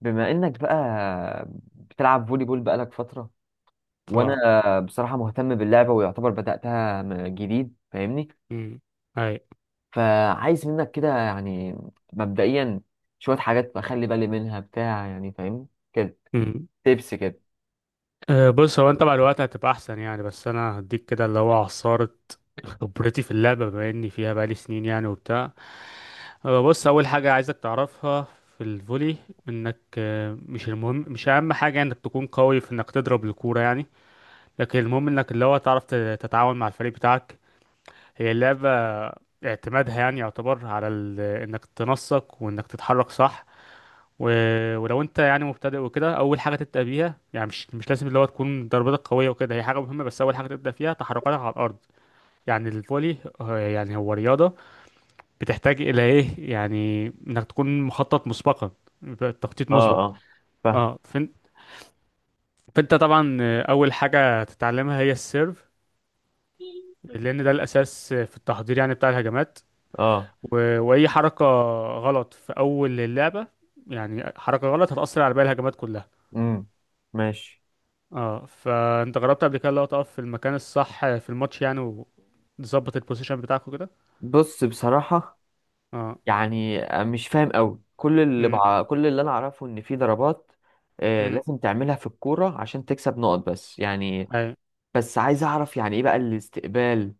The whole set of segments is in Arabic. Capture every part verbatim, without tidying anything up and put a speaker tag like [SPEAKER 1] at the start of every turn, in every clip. [SPEAKER 1] بما انك بقى بتلعب فولي بول بقالك فترة،
[SPEAKER 2] اه،
[SPEAKER 1] وانا بصراحة مهتم باللعبة ويعتبر بدأتها م- جديد. فاهمني؟
[SPEAKER 2] امم، اي،
[SPEAKER 1] فعايز منك كده، يعني مبدئيا، شوية حاجات بخلي بالي منها بتاع، يعني فاهم كده.
[SPEAKER 2] امم.
[SPEAKER 1] تبس كده.
[SPEAKER 2] آه، بص، هو انت مع الوقت هتبقى احسن يعني، بس انا هديك كده اللي هو عصارة خبرتي في اللعبة، بما اني فيها بقالي سنين يعني وبتاع. آه، بص، اول حاجة عايزك تعرفها في الفولي، انك آه، مش المهم مش اهم حاجة انك تكون قوي في انك تضرب الكورة يعني، لكن المهم انك اللي هو تعرف ت- تتعاون مع الفريق بتاعك. هي اللعبة اعتمادها يعني يعتبر على ال... انك تنسق وانك تتحرك صح. و... ولو انت يعني مبتدئ وكده، اول حاجه تبدا بيها، يعني مش مش لازم اللي هو تكون ضربتك قويه وكده، هي حاجه مهمه، بس اول حاجه تبدا فيها تحركاتك على الارض. يعني الفولي، آه، يعني هو رياضه بتحتاج الى ايه يعني انك تكون مخطط مسبقا، يبقى تخطيط
[SPEAKER 1] اه،
[SPEAKER 2] مسبق.
[SPEAKER 1] اه، فاهم،
[SPEAKER 2] اه فن... فانت طبعا آه، اول حاجه تتعلمها هي السيرف، لان ده الاساس في التحضير يعني بتاع الهجمات.
[SPEAKER 1] اه،
[SPEAKER 2] و... واي حركه غلط في اول اللعبه، يعني حركه غلط هتاثر على باقي الهجمات كلها.
[SPEAKER 1] امم، ماشي.
[SPEAKER 2] اه فانت جربت قبل كده اللي هو تقف في المكان الصح في الماتش يعني، وتظبط البوزيشن بتاعك وكده؟
[SPEAKER 1] بص، بصراحة
[SPEAKER 2] اه،
[SPEAKER 1] يعني مش فاهم قوي. كل اللي
[SPEAKER 2] امم،
[SPEAKER 1] بع... كل اللي انا اعرفه ان في ضربات آه،
[SPEAKER 2] امم،
[SPEAKER 1] لازم تعملها في الكورة عشان تكسب نقط، بس يعني
[SPEAKER 2] اي،
[SPEAKER 1] بس عايز اعرف يعني ايه بقى الاستقبال؟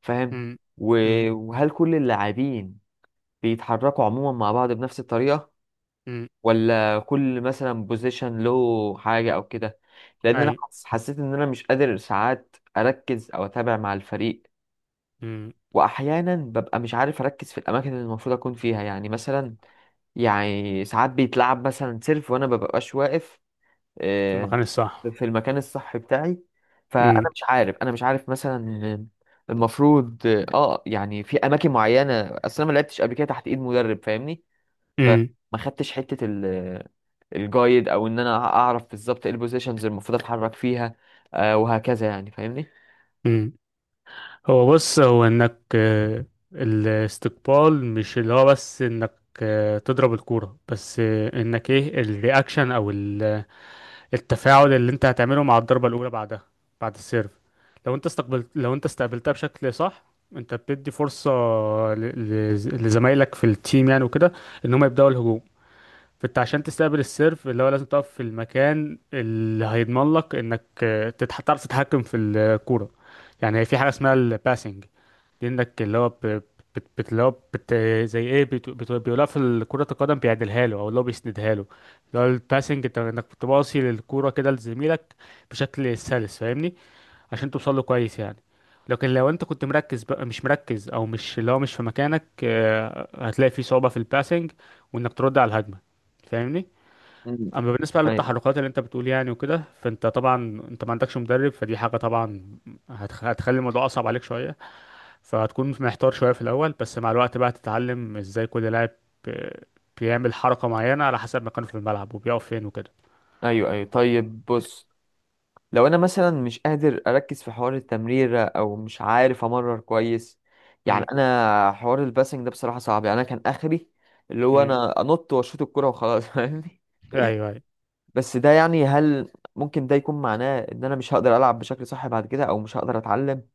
[SPEAKER 1] فاهم.
[SPEAKER 2] امم،
[SPEAKER 1] و...
[SPEAKER 2] امم،
[SPEAKER 1] وهل كل اللاعبين بيتحركوا عموما مع بعض بنفس الطريقة،
[SPEAKER 2] امم،
[SPEAKER 1] ولا كل مثلا بوزيشن له حاجة او كده؟ لان انا
[SPEAKER 2] اي،
[SPEAKER 1] حس- حسيت ان انا مش قادر ساعات اركز او اتابع مع الفريق.
[SPEAKER 2] امم.
[SPEAKER 1] واحيانا ببقى مش عارف اركز في الاماكن اللي المفروض اكون فيها، يعني مثلا يعني ساعات بيتلعب مثلا سيرف وانا مببقاش واقف
[SPEAKER 2] في
[SPEAKER 1] آه،
[SPEAKER 2] المكان الصح.
[SPEAKER 1] في المكان الصح بتاعي. فانا
[SPEAKER 2] امم،
[SPEAKER 1] مش عارف، انا مش عارف مثلا المفروض اه آه، يعني في اماكن معينه. اصل انا ما لعبتش قبل كده تحت ايد مدرب فاهمني. فما
[SPEAKER 2] امم،
[SPEAKER 1] خدتش حته ال- الجايد، او ان انا اعرف بالظبط ايه البوزيشنز المفروض اتحرك فيها آه، وهكذا، يعني فاهمني.
[SPEAKER 2] امم. هو بص، هو انك آه، الاستقبال مش اللي هو بس انك آه، تضرب الكورة بس، آه، انك ايه الرياكشن او التفاعل اللي انت هتعمله مع الضربة الأولى بعدها، بعد السيرف. لو انت استقبلت لو انت استقبلتها بشكل صح، انت بتدي فرصة ل... ل... لزمايلك في التيم يعني وكده، ان هم يبدأوا الهجوم. فانت عشان تستقبل السيرف، اللي هو لازم تقف في المكان اللي هيضمن لك انك آه، تتح... تعرف تتحكم في الكورة. يعني في حاجة اسمها الباسنج، كأنك اللي هو ب- بت بت- اللي هو بت زي ايه بت بت بيقولها في كرة القدم، بيعدلها له او اللي هو بيسندها له. اللي هو الباسنج، انت انك بتباصي للكرة كده لزميلك بشكل سلس، فاهمني؟ عشان توصل له كويس يعني. لكن لو انت كنت مركز بقى، مش مركز او مش اللي هو مش في مكانك، آه، هتلاقي في صعوبة في الباسنج، وانك ترد على الهجمة، فاهمني؟
[SPEAKER 1] مم.
[SPEAKER 2] اما بالنسبة
[SPEAKER 1] ايوه،
[SPEAKER 2] للتحركات اللي انت بتقول يعني وكده، فانت طبعا انت ما عندكش مدرب، فدي حاجة طبعا هتخ- هتخلي الموضوع اصعب عليك شوية، فهتكون محتار شوية في الأول، بس مع الوقت بقى تتعلم ازاي كل لاعب آه، بيعمل حركة معينة على حسب مكانه في الملعب وبيقف فين وكده.
[SPEAKER 1] ايوه، ايوه، طيب، بص. لو انا مثلا مش قادر اركز في حوار التمريرة او مش عارف امرر كويس، يعني
[SPEAKER 2] امم،
[SPEAKER 1] انا حوار الباسنج ده بصراحة صعب. يعني انا كان اخري اللي هو
[SPEAKER 2] امم،
[SPEAKER 1] انا انط واشوط الكرة وخلاص فاهمني.
[SPEAKER 2] ايوه، ايوه،
[SPEAKER 1] بس ده يعني هل ممكن ده يكون معناه ان انا مش هقدر العب بشكل صح بعد كده، او مش هقدر اتعلم؟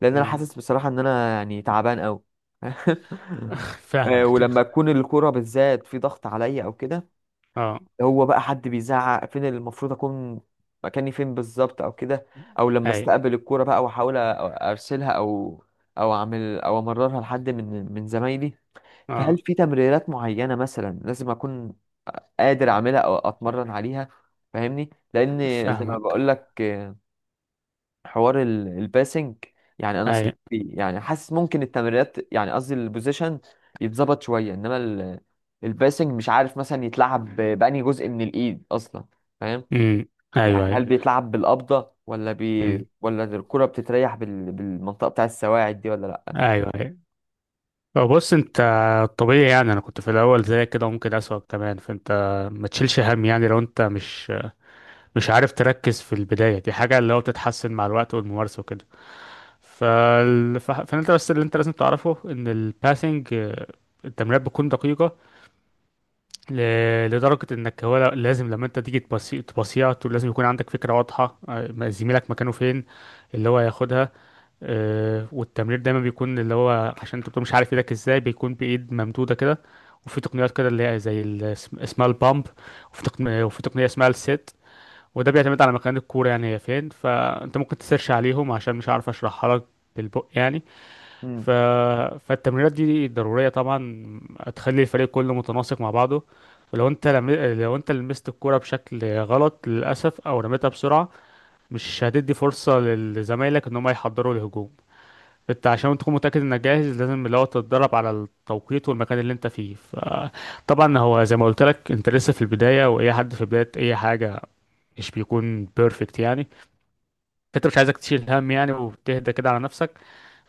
[SPEAKER 1] لان انا
[SPEAKER 2] امم،
[SPEAKER 1] حاسس بصراحة ان انا يعني تعبان قوي آه،
[SPEAKER 2] فاهمك،
[SPEAKER 1] ولما تكون الكرة بالذات في ضغط عليا او كده،
[SPEAKER 2] اه،
[SPEAKER 1] هو بقى حد بيزعق فين اللي المفروض اكون مكاني فين بالظبط او كده، او لما
[SPEAKER 2] اي،
[SPEAKER 1] استقبل الكوره بقى واحاول أ- ارسلها او او اعمل، او امررها لحد من من زمايلي. فهل
[SPEAKER 2] اه،
[SPEAKER 1] في تمريرات معينه مثلا لازم اكون قادر اعملها او اتمرن عليها؟ فاهمني، لان زي ما
[SPEAKER 2] فاهمك،
[SPEAKER 1] بقول لك حوار ال- الباسنج، يعني انا
[SPEAKER 2] اي،
[SPEAKER 1] صراحة بي- يعني حاسس ممكن التمريرات، يعني قصدي البوزيشن يتظبط شويه، انما ال- الباسنج مش عارف مثلا يتلعب ب- بأنهي جزء من الايد اصلا، فاهم؟
[SPEAKER 2] امم، ايوه،
[SPEAKER 1] يعني
[SPEAKER 2] ايوه،
[SPEAKER 1] هل بيتلعب بالقبضه ولا بي،
[SPEAKER 2] امم،
[SPEAKER 1] ولا الكره بتتريح بال... بالمنطقه بتاع السواعد دي، ولا لا؟
[SPEAKER 2] ايوه، ايوه. بص انت، طبيعي يعني، انا كنت في الاول زي كده، ممكن اسوأ كمان، فانت ما تشيلش هم يعني. لو انت مش مش عارف تركز في البداية، دي حاجة اللي هو بتتحسن مع الوقت والممارسة وكده. فال... ف- فانت بس اللي انت لازم تعرفه ان الباسنج، التمريرات بتكون دقيقة ل... لدرجة انك هو ل- لازم لما انت تيجي تبصي تبصيها، تو- لازم يكون عندك فكرة واضحة، آه، ما- زميلك مكانه فين، اللي هو هياخدها. آه، والتمرير دايما بيكون اللي هو عشان انت بتكون مش عارف ايدك ازاي، بيكون بإيد ممدودة كده. وفي تقنيات كده اللي هي زي ال- اسم- اسمها البامب، وفي تقنية وفي تقنية اسمها السيت. وده بيعتمد على مكان الكورة يعني هي فين، فانت ممكن تسيرش عليهم عشان مش عارف اشرحها لك بالبق يعني.
[SPEAKER 1] امم.
[SPEAKER 2] ف... فالتمرينات دي ضرورية طبعا، هتخلي الفريق كله متناسق مع بعضه. ولو انت لم... لو انت لمست الكرة بشكل غلط للأسف، أو رميتها بسرعة، مش هتدي فرصة لزمايلك إن هم يحضروا الهجوم. انت عشان تكون متأكد انك جاهز، لازم اللي هو تتدرب على التوقيت والمكان اللي انت فيه. فطبعا هو زي ما قلت لك، انت لسه في البداية، وأي حد في بداية أي حاجة مش بيكون بيرفكت يعني، فانت مش عايزك تشيل هم يعني، وتهدى كده على نفسك،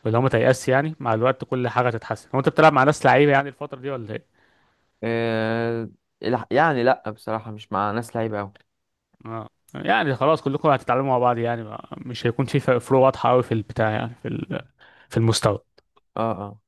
[SPEAKER 2] واللي هو ما تيأس يعني، مع الوقت كل حاجه هتتحسن. هو انت بتلعب مع ناس لعيبه يعني الفتره دي ولا ايه؟
[SPEAKER 1] آه... الح- يعني لا بصراحه مش مع ناس لعيبه قوي.
[SPEAKER 2] اه، يعني خلاص كلكم هتتعلموا مع بعض يعني، ما- مش هيكون في فرق- فروق واضحه قوي في البتاع يعني، في ال- في المستوى.
[SPEAKER 1] اه، اه،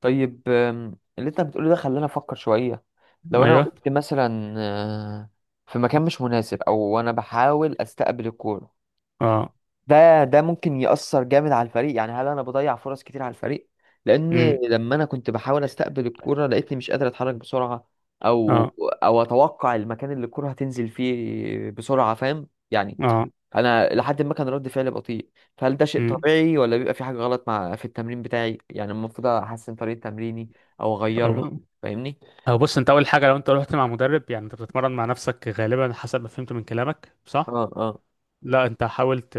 [SPEAKER 1] طيب. آم، اللي انت بتقوله ده خلاني افكر شويه. لو انا
[SPEAKER 2] ايوه،
[SPEAKER 1] وقفت مثلا آه، في مكان مش مناسب، او انا بحاول استقبل الكوره،
[SPEAKER 2] اه،
[SPEAKER 1] ده ده ممكن يأثر جامد على الفريق. يعني هل انا بضيع فرص كتير على الفريق؟ لان
[SPEAKER 2] امم،
[SPEAKER 1] لما انا كنت بحاول استقبل الكوره لقيتني مش قادر اتحرك بسرعه، او
[SPEAKER 2] اه،
[SPEAKER 1] او اتوقع المكان اللي الكوره هتنزل فيه بسرعه، فاهم يعني.
[SPEAKER 2] اه،
[SPEAKER 1] انا لحد ما كان رد فعلي بطيء. فهل ده شيء
[SPEAKER 2] امم.
[SPEAKER 1] طبيعي ولا بيبقى في حاجه غلط مع في التمرين بتاعي؟ يعني المفروض احسن طريقه تمريني او اغيرها؟
[SPEAKER 2] أو
[SPEAKER 1] فاهمني.
[SPEAKER 2] أو بص، انت اول حاجه، لو انت رحت مع مدرب، يعني انت بتتمرن مع نفسك غالبا حسب ما فهمت من كلامك، صح؟
[SPEAKER 1] اه، اه،
[SPEAKER 2] لا، انت حاولت،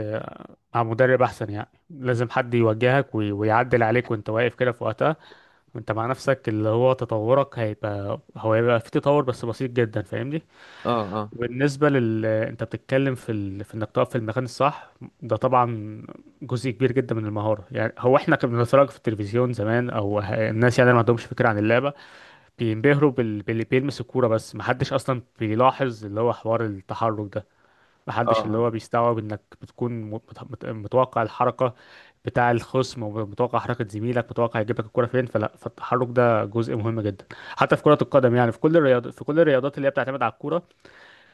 [SPEAKER 2] مع مدرب احسن يعني، لازم حد يوجهك وي- ويعدل عليك وانت واقف كده في وقتها. انت مع نفسك اللي هو تطورك هيبقى، هو هيبقى في تطور بس بسيط جدا، فاهمني؟
[SPEAKER 1] اه، اه،
[SPEAKER 2] وبالنسبه لل انت بتتكلم في ال... في انك تقف في المكان الصح، ده طبعا جزء كبير جدا من المهاره يعني. هو احنا كنا بنتفرج في التلفزيون زمان، او ه- الناس يعني ما عندهمش فكره عن اللعبه، بينبهروا بال... باللي بيلمس الكوره بس، ما حدش اصلا بيلاحظ اللي هو حوار التحرك ده، محدش اللي
[SPEAKER 1] اه،
[SPEAKER 2] هو بيستوعب انك بتكون مت- مت- متوقع الحركة بتاع الخصم، ومتوقع حركة زميلك، متوقع يجيب لك الكرة فين. فلا، فالتحرك ده جزء مهم جدا، حتى في كرة القدم يعني، في كل الرياض في كل الرياضات اللي هي بتعتمد على الكرة.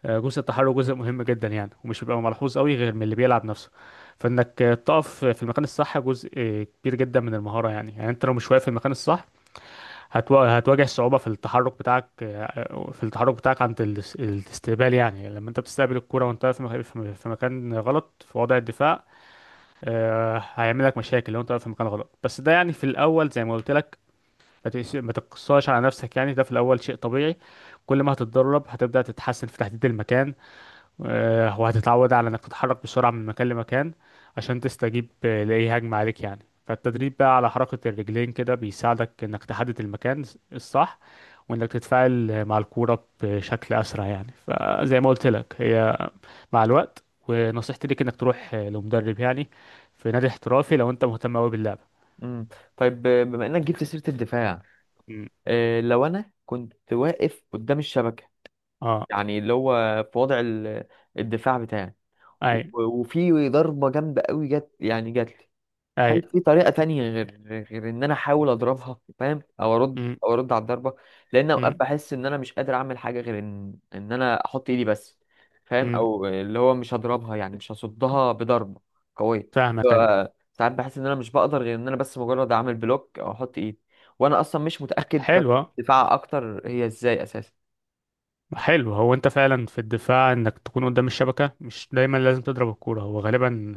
[SPEAKER 2] آه، جزء التحرك جزء مهم جدا يعني، ومش بيبقى ملحوظ قوي غير من اللي بيلعب نفسه. فانك آه، تقف في المكان الصح، جزء آه، كبير جدا من المهارة يعني. يعني انت لو مش واقف في المكان الصح، هتوا- هتواجه صعوبة في التحرك بتاعك في التحرك بتاعك عند الاس- الاستقبال يعني. لما انت بتستقبل الكرة وانت في مك- في في مكان غلط، في وضع الدفاع، آه، هيعمل لك مشاكل لو انت في مكان غلط. بس ده يعني في الأول، زي ما قلت لك، ما تقس- ما تقصاش على نفسك يعني، ده في الأول شيء طبيعي. كل ما هتتدرب هتبدأ تتحسن في تحديد المكان، آه، وهتتعود على انك تتحرك بسرعة من مكان لمكان عشان تستجيب آه، لأي هجمة عليك يعني. فالتدريب بقى على حركة الرجلين كده، بيساعدك انك تحدد المكان الصح، وانك تتفاعل آه، مع الكورة بشكل أسرع يعني. فزي ما قلت لك، هي مع الوقت، ونصيحتي ليك انك تروح آه، لمدرب يعني، في نادي احترافي لو انت مهتم قوي باللعبة.
[SPEAKER 1] امم، طيب. آه، بما انك جبت سيرة الدفاع،
[SPEAKER 2] مم،
[SPEAKER 1] آه، لو انا كنت واقف قدام الشبكة،
[SPEAKER 2] اه،
[SPEAKER 1] يعني اللي هو في وضع ال- الدفاع بتاعي، و-
[SPEAKER 2] اي،
[SPEAKER 1] وفي ضربة جامدة قوي جت، يعني جت لي،
[SPEAKER 2] اي،
[SPEAKER 1] هل في طريقة تانية غير غير إن أنا أحاول أضربها، فاهم؟ أو أرد،
[SPEAKER 2] مم،
[SPEAKER 1] أو أرد على الضربة؟ لأن أوقات
[SPEAKER 2] مم،
[SPEAKER 1] بحس إن أنا مش قادر أعمل حاجة غير إن إن أنا أحط إيدي بس، فاهم؟
[SPEAKER 2] مم،
[SPEAKER 1] أو اللي هو مش هضربها يعني مش هصدها بضربة قوية.
[SPEAKER 2] فاهمك، اي.
[SPEAKER 1] ف- ساعات بحس إن أنا مش بقدر غير إن أنا بس مجرد أعمل بلوك أو أحط إيدي. وأنا أصلا مش متأكد طب
[SPEAKER 2] حلوة
[SPEAKER 1] دفاع أكتر هي إزاي أساسا؟
[SPEAKER 2] حلو، هو انت فعلا في الدفاع انك تكون قدام الشبكة، مش دايما لازم تضرب الكورة. هو غالبا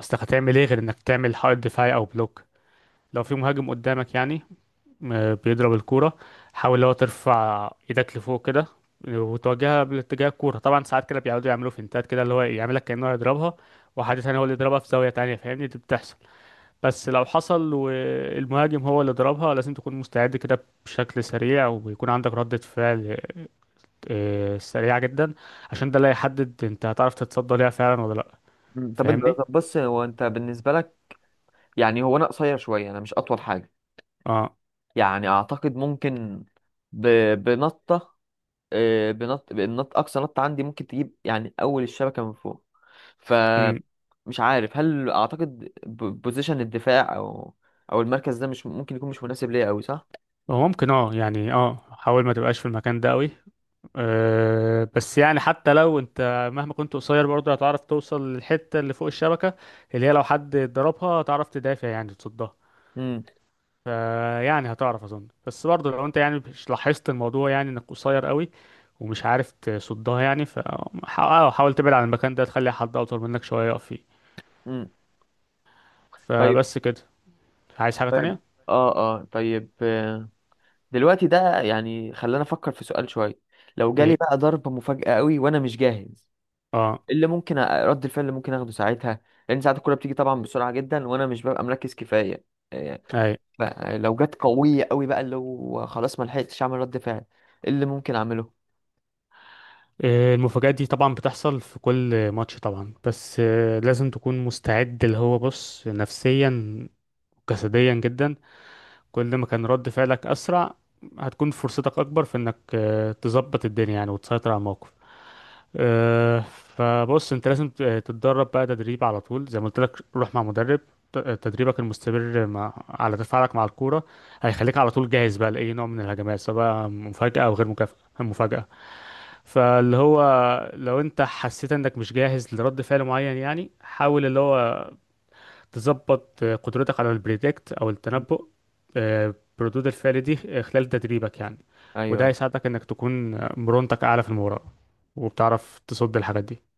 [SPEAKER 2] اصلك هتعمل ايه غير انك تعمل حائط دفاعي او بلوك، لو في مهاجم قدامك يعني م- بيضرب الكورة. حاول لو ترفع ايدك لفوق كده، وتواجهها باتجاه الكورة. طبعا ساعات كده بيقعدوا يعملوا فينتات كده، اللي هو يعملك كأنه هيضربها، وحد تاني هو اللي يضربها في زاوية تانية، فاهمني؟ دي بتحصل. بس لو حصل والمهاجم هو اللي ضربها، لازم تكون مستعد كده بشكل سريع، ويكون عندك ردة فعل آه، سريعة جدا، عشان ده اللي هيحدد انت هتعرف تتصدى ليها فعلا ولا لأ،
[SPEAKER 1] مم، طب أنت،
[SPEAKER 2] فاهمني؟
[SPEAKER 1] طب بص هو أنت بالنسبة لك، يعني هو أنا قصير شوية، أنا مش أطول حاجة.
[SPEAKER 2] اه،
[SPEAKER 1] يعني أعتقد ممكن ب... بنطة، آه، بنط بالنط اقصى نط عندي ممكن تجيب يعني اول الشبكه من فوق.
[SPEAKER 2] امم.
[SPEAKER 1] فمش عارف هل اعتقد ب- بوزيشن الدفاع او او المركز ده مش ممكن يكون مش مناسب ليا قوي، صح؟
[SPEAKER 2] هو ممكن، اه يعني، اه حاول ما تبقاش في المكان ده قوي. أه، بس يعني حتى لو انت مهما كنت قصير، برضه هتعرف توصل للحتة اللي فوق الشبكة اللي هي لو حد ضربها هتعرف تدافع يعني تصدها.
[SPEAKER 1] امم،
[SPEAKER 2] فيعني هتعرف اظن، بس برضه لو انت يعني مش لاحظت الموضوع يعني انك قصير قوي ومش عارف تصدها يعني، فحاول تبعد عن المكان ده، تخلي حد اطول منك شوية يقف فيه.
[SPEAKER 1] امم، طيب،
[SPEAKER 2] فبس كده، عايز حاجة
[SPEAKER 1] طيب.
[SPEAKER 2] تانية؟
[SPEAKER 1] اه، اه، طيب. آه، دلوقتي ده يعني خلاني افكر في سؤال شويه. لو جالي
[SPEAKER 2] ايه،
[SPEAKER 1] بقى ضربه مفاجاه قوي وانا مش جاهز،
[SPEAKER 2] اه،
[SPEAKER 1] إيه اللي ممكن أ- رد الفعل اللي ممكن اخده ساعتها؟ لان ساعات الكوره بتيجي طبعا بسرعه جدا وانا مش ببقى مركز كفايه. آه،
[SPEAKER 2] اي.
[SPEAKER 1] بقى لو جت قوية قوي بقى اللي هو خلاص ما لحقتش اعمل رد فعل، إيه اللي ممكن اعمله؟
[SPEAKER 2] إيه المفاجآت دي طبعا بتحصل في كل ماتش طبعا، بس آه، لازم تكون مستعد اللي هو، بص نفسيا وجسديا جدا. كل ما كان رد فعلك أسرع، هتكون فرصتك أكبر في إنك آه، تظبط الدنيا يعني، وتسيطر على الموقف. آه، فبص، أنت لازم ت- تتدرب بقى تدريب على طول، زي ما قلت لك روح مع مدرب. ت- تدريبك المستمر مع على تفاعلك مع الكورة هيخليك على طول جاهز بقى لأي نوع من الهجمات، سواء مفاجأة أو غير مكافأة، مفاجأة. فاللي هو لو انت حسيت انك مش جاهز لرد فعل معين يعني، حاول اللي هو تظبط قدرتك على البريدكت او التنبؤ آه، بردود الفعل دي، آه، خلال تدريبك يعني، وده
[SPEAKER 1] ايوه
[SPEAKER 2] هيساعدك انك تكون مرونتك اعلى في المباراة، وبتعرف تصد الحاجات دي.